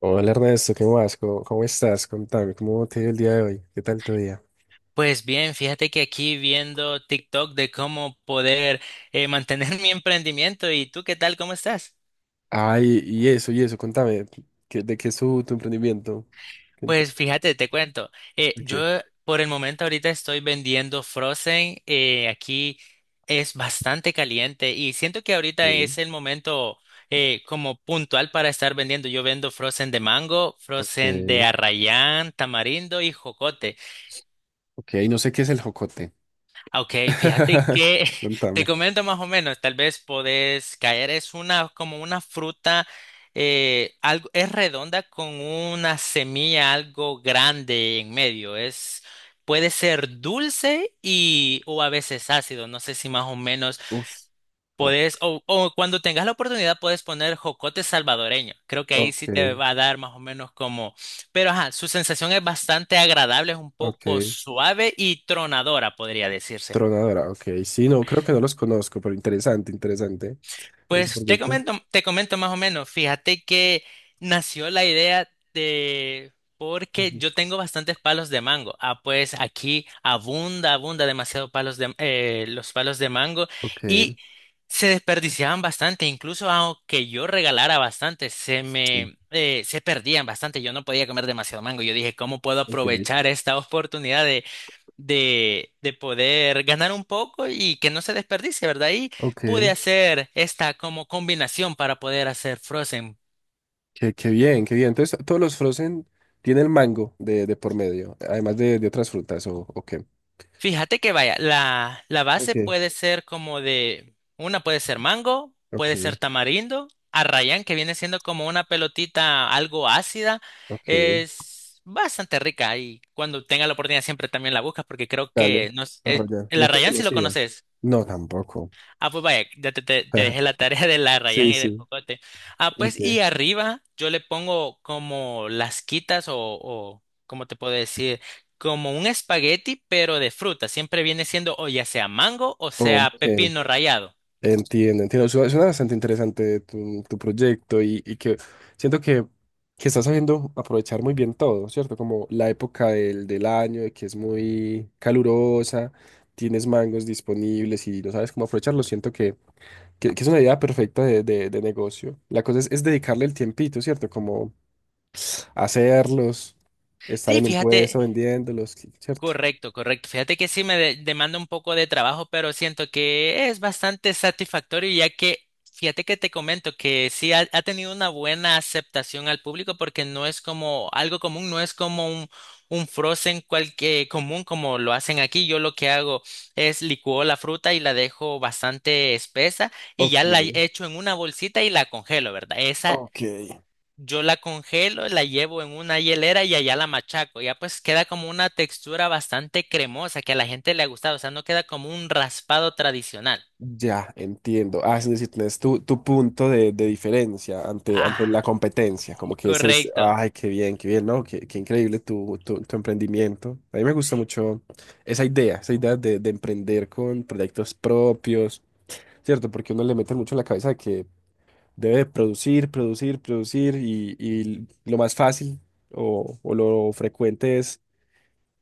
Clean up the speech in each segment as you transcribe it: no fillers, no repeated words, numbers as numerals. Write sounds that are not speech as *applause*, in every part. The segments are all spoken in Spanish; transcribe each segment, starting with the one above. Hola Ernesto, ¿qué más? ¿Cómo estás? Contame, ¿cómo te dio el día de hoy? ¿Qué tal tu día? Pues bien, fíjate que aquí viendo TikTok de cómo poder mantener *laughs* mi emprendimiento. ¿Y tú qué tal? ¿Cómo estás? Ay, y eso, contame, ¿de qué es tu emprendimiento? Cuenta- Pues fíjate, te cuento. Ok. Yo por el momento ahorita estoy vendiendo Frozen. Aquí es bastante caliente y siento que ahorita Mm, es el momento como puntual para estar vendiendo. Yo vendo Frozen de mango, ok, Frozen de arrayán, tamarindo y jocote. ok, no sé qué es el jocote. Ok, fíjate *laughs* que *laughs* te Contame. comento más o menos, tal vez podés caer, es una como una fruta, algo, es redonda con una semilla algo grande en medio, es, puede ser dulce y o a veces ácido, no sé si más o menos Uf, uf, podés, o cuando tengas la oportunidad puedes poner jocote salvadoreño, creo que ahí ok, sí te va a dar más o menos como, pero ajá, su sensación es bastante agradable, es un poco ok, suave y tronadora, podría decirse. tronadora, ok. Sí, no, creo que no los conozco, pero interesante, interesante ese Pues proyecto. Te comento más o menos. Fíjate que nació la idea de porque Ujú. yo tengo bastantes palos de mango. Ah, pues aquí abunda, abunda demasiado palos de los palos de mango Ok, y se desperdiciaban bastante. Incluso aunque yo regalara bastante, se sí, me se perdían bastante. Yo no podía comer demasiado mango. Yo dije, ¿cómo puedo ok, aprovechar esta oportunidad de poder ganar un poco y que no se desperdicie, ¿verdad? Y pude ok. hacer esta como combinación para poder hacer Frozen. Qué bien, qué bien. Entonces, todos los frozen tienen mango de por medio, además de otras frutas, ¿o qué? Fíjate que vaya, la base Ok, puede ser como de, una puede ser mango, ok, puede ser tamarindo, arrayán, que viene siendo como una pelotita algo ácida, ok. es bastante rica y cuando tenga la oportunidad siempre también la buscas porque creo Dale, que no, arrollar. el No te arrayán si lo conocía. conoces. No, tampoco. Ah, pues vaya, ya te, te *laughs* dejé la tarea de la Rayan Sí, y sí, del Jocote. Ah, pues ok. y arriba yo le pongo como las quitas o ¿cómo te puedo decir? Como un espagueti, pero de fruta. Siempre viene siendo o ya sea mango o sea Ok. pepino rallado. Entiendo, entiendo. Suena bastante interesante tu proyecto y que siento que estás sabiendo aprovechar muy bien todo, ¿cierto? Como la época del año, de que es muy calurosa, tienes mangos disponibles y no sabes cómo aprovecharlos. Siento que es una idea perfecta de negocio. La cosa es dedicarle el tiempito, ¿cierto? Como hacerlos, estar Sí, en un fíjate, puesto vendiéndolos, ¿cierto? correcto, correcto. Fíjate que sí me demanda un poco de trabajo, pero siento que es bastante satisfactorio ya que, fíjate que te comento que sí ha, ha tenido una buena aceptación al público porque no es como algo común, no es como un frozen común como lo hacen aquí. Yo lo que hago es licuo la fruta y la dejo bastante espesa y ya Ok, la echo en una bolsita y la congelo, ¿verdad? Esa ok. yo la congelo, la llevo en una hielera y allá la machaco. Ya pues queda como una textura bastante cremosa que a la gente le ha gustado. O sea, no queda como un raspado tradicional. Ya, entiendo. Ah, es decir, tienes tu punto de diferencia ante la Ah, competencia. Como que ese es, correcto. ay, qué bien, ¿no? Qué increíble tu emprendimiento. A mí me gusta mucho esa idea de emprender con proyectos propios, ¿cierto? Porque uno le mete mucho en la cabeza de que debe producir, producir, producir y lo más fácil o lo frecuente es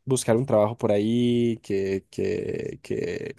buscar un trabajo por ahí que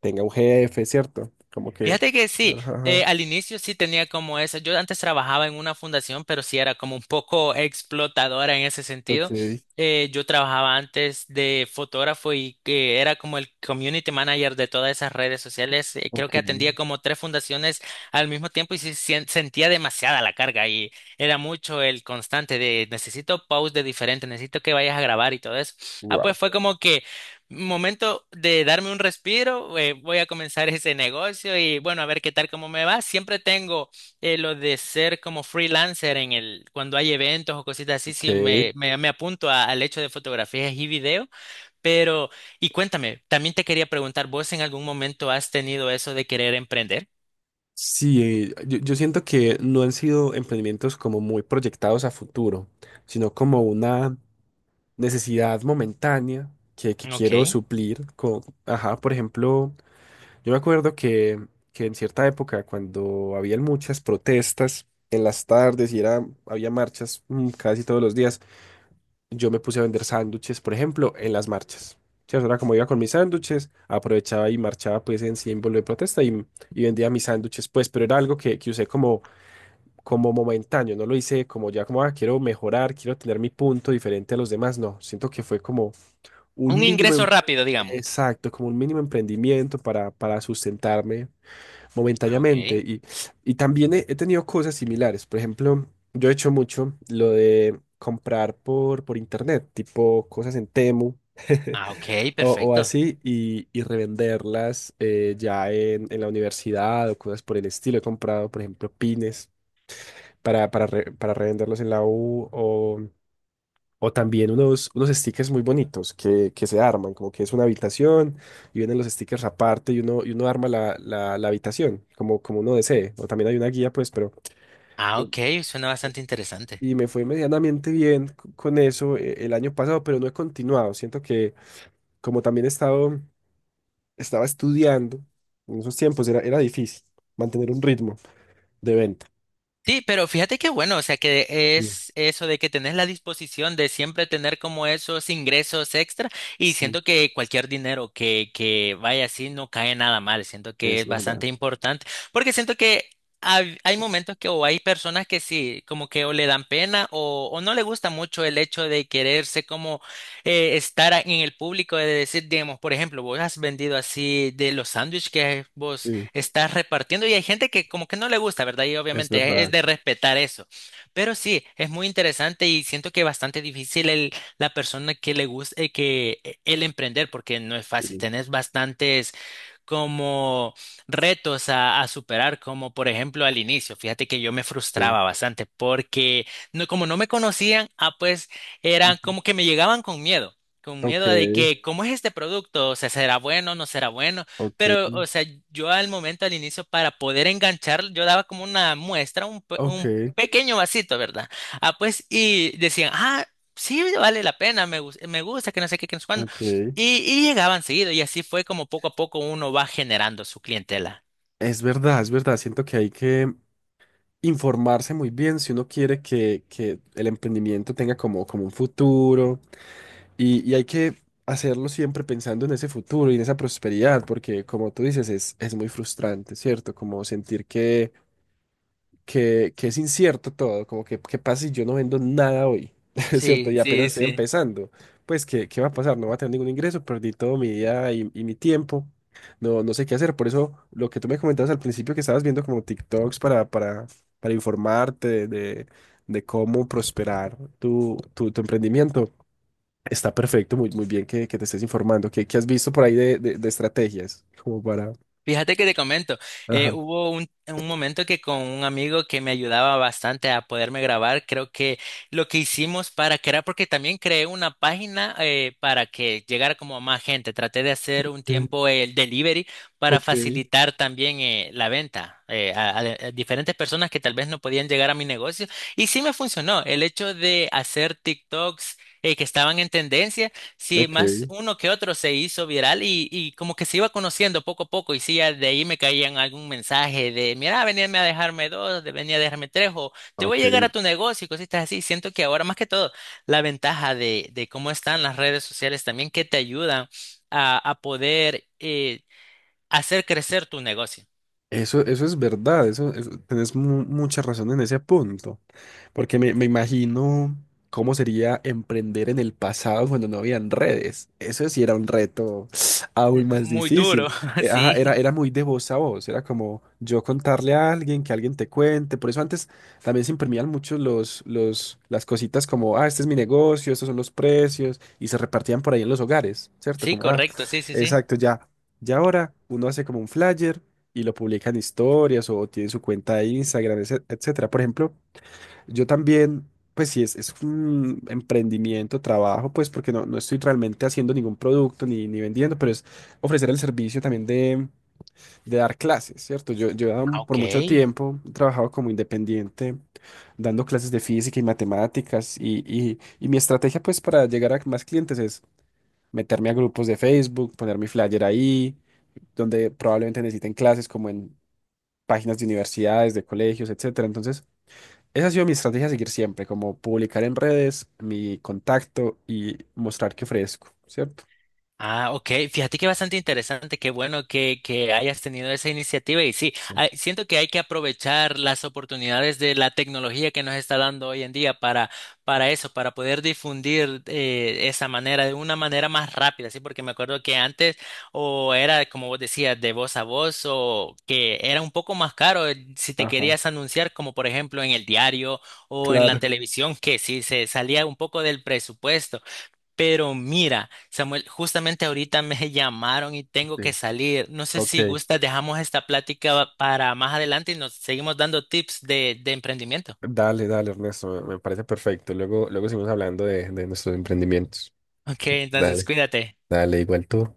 tenga un jefe, ¿cierto? Como que... Fíjate que sí, Ajá, ajá. Al inicio sí tenía como eso. Yo antes trabajaba en una fundación, pero sí era como un poco explotadora en ese Ok, sentido. Yo trabajaba antes de fotógrafo y que era como el community manager de todas esas redes sociales. Creo ok, que atendía como 3 fundaciones al mismo tiempo y sí sentía demasiada la carga y era mucho el constante de necesito posts de diferentes, necesito que vayas a grabar y todo eso. Ah, pues wow. fue como que momento de darme un respiro, voy a comenzar ese negocio y bueno, a ver qué tal, cómo me va. Siempre tengo lo de ser como freelancer en el, cuando hay eventos o cositas así, Ok. sí me apunto al hecho de fotografías y video. Pero, y cuéntame, también te quería preguntar, ¿vos en algún momento has tenido eso de querer emprender? Sí, yo siento que no han sido emprendimientos como muy proyectados a futuro, sino como una necesidad momentánea que quiero Ok. suplir con, ajá, por ejemplo... Yo me acuerdo que en cierta época, cuando habían muchas protestas en las tardes y había marchas casi todos los días, yo me puse a vender sándwiches, por ejemplo, en las marchas. Sí, eso era como iba con mis sándwiches, aprovechaba y marchaba pues en símbolo de protesta y vendía mis sándwiches pues, pero era algo que usé como, como momentáneo, no lo hice como ya como, ah, quiero mejorar, quiero tener mi punto diferente a los demás, no, siento que fue como un Un mínimo, ingreso rápido, digamos. exacto, como un mínimo emprendimiento para sustentarme Ah, ok. momentáneamente. Y también he tenido cosas similares. Por ejemplo, yo he hecho mucho lo de comprar por internet, tipo cosas en Temu Ah, ok, *laughs* o perfecto. así, y revenderlas ya en la universidad o cosas por el estilo. He comprado, por ejemplo, pines para revenderlos en la U o también unos stickers muy bonitos que se arman, como que es una habitación y vienen los stickers aparte y uno arma la habitación como uno desee. O también hay una guía, pues, pero... Ah, eh, ok, suena bastante interesante. Y me fue medianamente bien con eso el año pasado, pero no he continuado. Siento que como también estaba estudiando en esos tiempos, era difícil mantener un ritmo de venta. Sí, pero fíjate qué bueno, o sea que Sí, es eso de que tenés la disposición de siempre tener como esos ingresos extra y sí, siento que cualquier dinero que vaya así no cae nada mal, siento que es es verdad. bastante importante porque siento que hay momentos que o hay personas que sí, como que o le dan pena o no le gusta mucho el hecho de quererse como estar en el público, de decir, digamos, por ejemplo, vos has vendido así de los sándwiches que vos Sí, estás repartiendo y hay gente que como que no le gusta, ¿verdad? Y es obviamente es verdad. de respetar eso. Pero sí, es muy interesante y siento que es bastante difícil el, la persona que le guste, que el emprender, porque no es fácil. Sí, Tenés bastantes como retos a superar, como por ejemplo al inicio. Fíjate que yo me sí. frustraba bastante porque no, como no me conocían, ah, pues eran Ujú. como que me llegaban con miedo. Con Ok, miedo de que, ¿cómo es este producto? O sea, ¿será bueno? ¿No será bueno? ok, Pero, o sea, yo al momento, al inicio, para poder enganchar, yo daba como una muestra, un, un ok. pequeño vasito, ¿verdad? Ah, pues, y decían, ah, sí, vale la pena, me gusta, que no sé qué, que no sé cuándo. Ok. Y llegaban seguido, y así fue como poco a poco uno va generando su clientela. Es verdad, es verdad. Siento que hay que informarse muy bien si uno quiere que el emprendimiento tenga como un futuro y hay que hacerlo siempre pensando en ese futuro y en esa prosperidad, porque como tú dices, es muy frustrante, ¿cierto? Como sentir que es incierto todo, como que qué pasa si yo no vendo nada hoy, *laughs* es cierto, Sí, y apenas sí, estoy sí. empezando, pues ¿qué va a pasar? No va a tener ningún ingreso, perdí todo mi día y mi tiempo, no, no sé qué hacer, por eso lo que tú me comentabas al principio que estabas viendo como TikToks para informarte de cómo prosperar tu emprendimiento. Está perfecto, muy, muy bien que te estés informando. ¿Qué has visto por ahí de estrategias? Como para... Fíjate que te comento, Ajá. hubo un momento que con un amigo que me ayudaba bastante a poderme grabar, creo que lo que hicimos para crear, porque también creé una página para que llegara como a más gente, traté de hacer un tiempo el delivery para Ok. facilitar también la venta a diferentes personas que tal vez no podían llegar a mi negocio y sí me funcionó el hecho de hacer TikToks que estaban en tendencia. Sí, más Ok, uno que otro se hizo viral y como que se iba conociendo poco a poco y sí, ya de ahí me caían algún mensaje de, mira, veníame a dejarme dos, venía a dejarme tres o te voy a ok. llegar a tu negocio y cositas así. Siento que ahora más que todo la ventaja de cómo están las redes sociales también que te ayudan a poder hacer crecer tu negocio. Eso es verdad, tenés mucha razón en ese punto. Porque me imagino cómo sería emprender en el pasado cuando no habían redes. Eso sí era un reto *sniffs* aún más Muy duro, difícil. *laughs* Ajá, era, sí. era muy de voz a voz. Era como yo contarle a alguien, que alguien te cuente. Por eso antes también se imprimían mucho las cositas como, ah, este es mi negocio, estos son los precios. Y se repartían por ahí en los hogares, ¿cierto? Sí, Como, ah, correcto, sí, sí, sí. exacto, ya. Ya ahora uno hace como un flyer y lo publica en historias o tiene su cuenta de Instagram, etcétera. Por ejemplo. Yo también, pues sí, es un emprendimiento, trabajo, pues porque no estoy realmente haciendo ningún producto ni vendiendo, pero es ofrecer el servicio también de dar clases, ¿cierto? Yo he dado Ah, por ok. mucho tiempo he trabajado como independiente, dando clases de física y matemáticas, y mi estrategia, pues, para llegar a más clientes es meterme a grupos de Facebook, poner mi flyer ahí, donde probablemente necesiten clases como en páginas de universidades, de colegios, etcétera. Entonces, esa ha sido mi estrategia a seguir siempre, como publicar en redes mi contacto y mostrar que ofrezco, ¿cierto? Ah, ok. Fíjate que bastante interesante. Qué bueno que hayas tenido esa iniciativa. Y sí, Sí, siento que hay que aprovechar las oportunidades de la tecnología que nos está dando hoy en día para eso, para poder difundir esa manera de una manera más rápida. Sí, porque me acuerdo que antes o era, como vos decías, de voz a voz o que era un poco más caro si te ajá, querías anunciar, como por ejemplo en el diario o en la claro. televisión, que sí se salía un poco del presupuesto. Pero mira, Samuel, justamente ahorita me *laughs* llamaron y tengo que Sí. salir. No sé Ok, si gustas, dejamos esta plática para más adelante y nos seguimos dando tips de emprendimiento. dale, dale, Ernesto, me parece perfecto. Luego, luego seguimos hablando de nuestros emprendimientos. Ok, entonces Dale. cuídate. Dale, igual tú.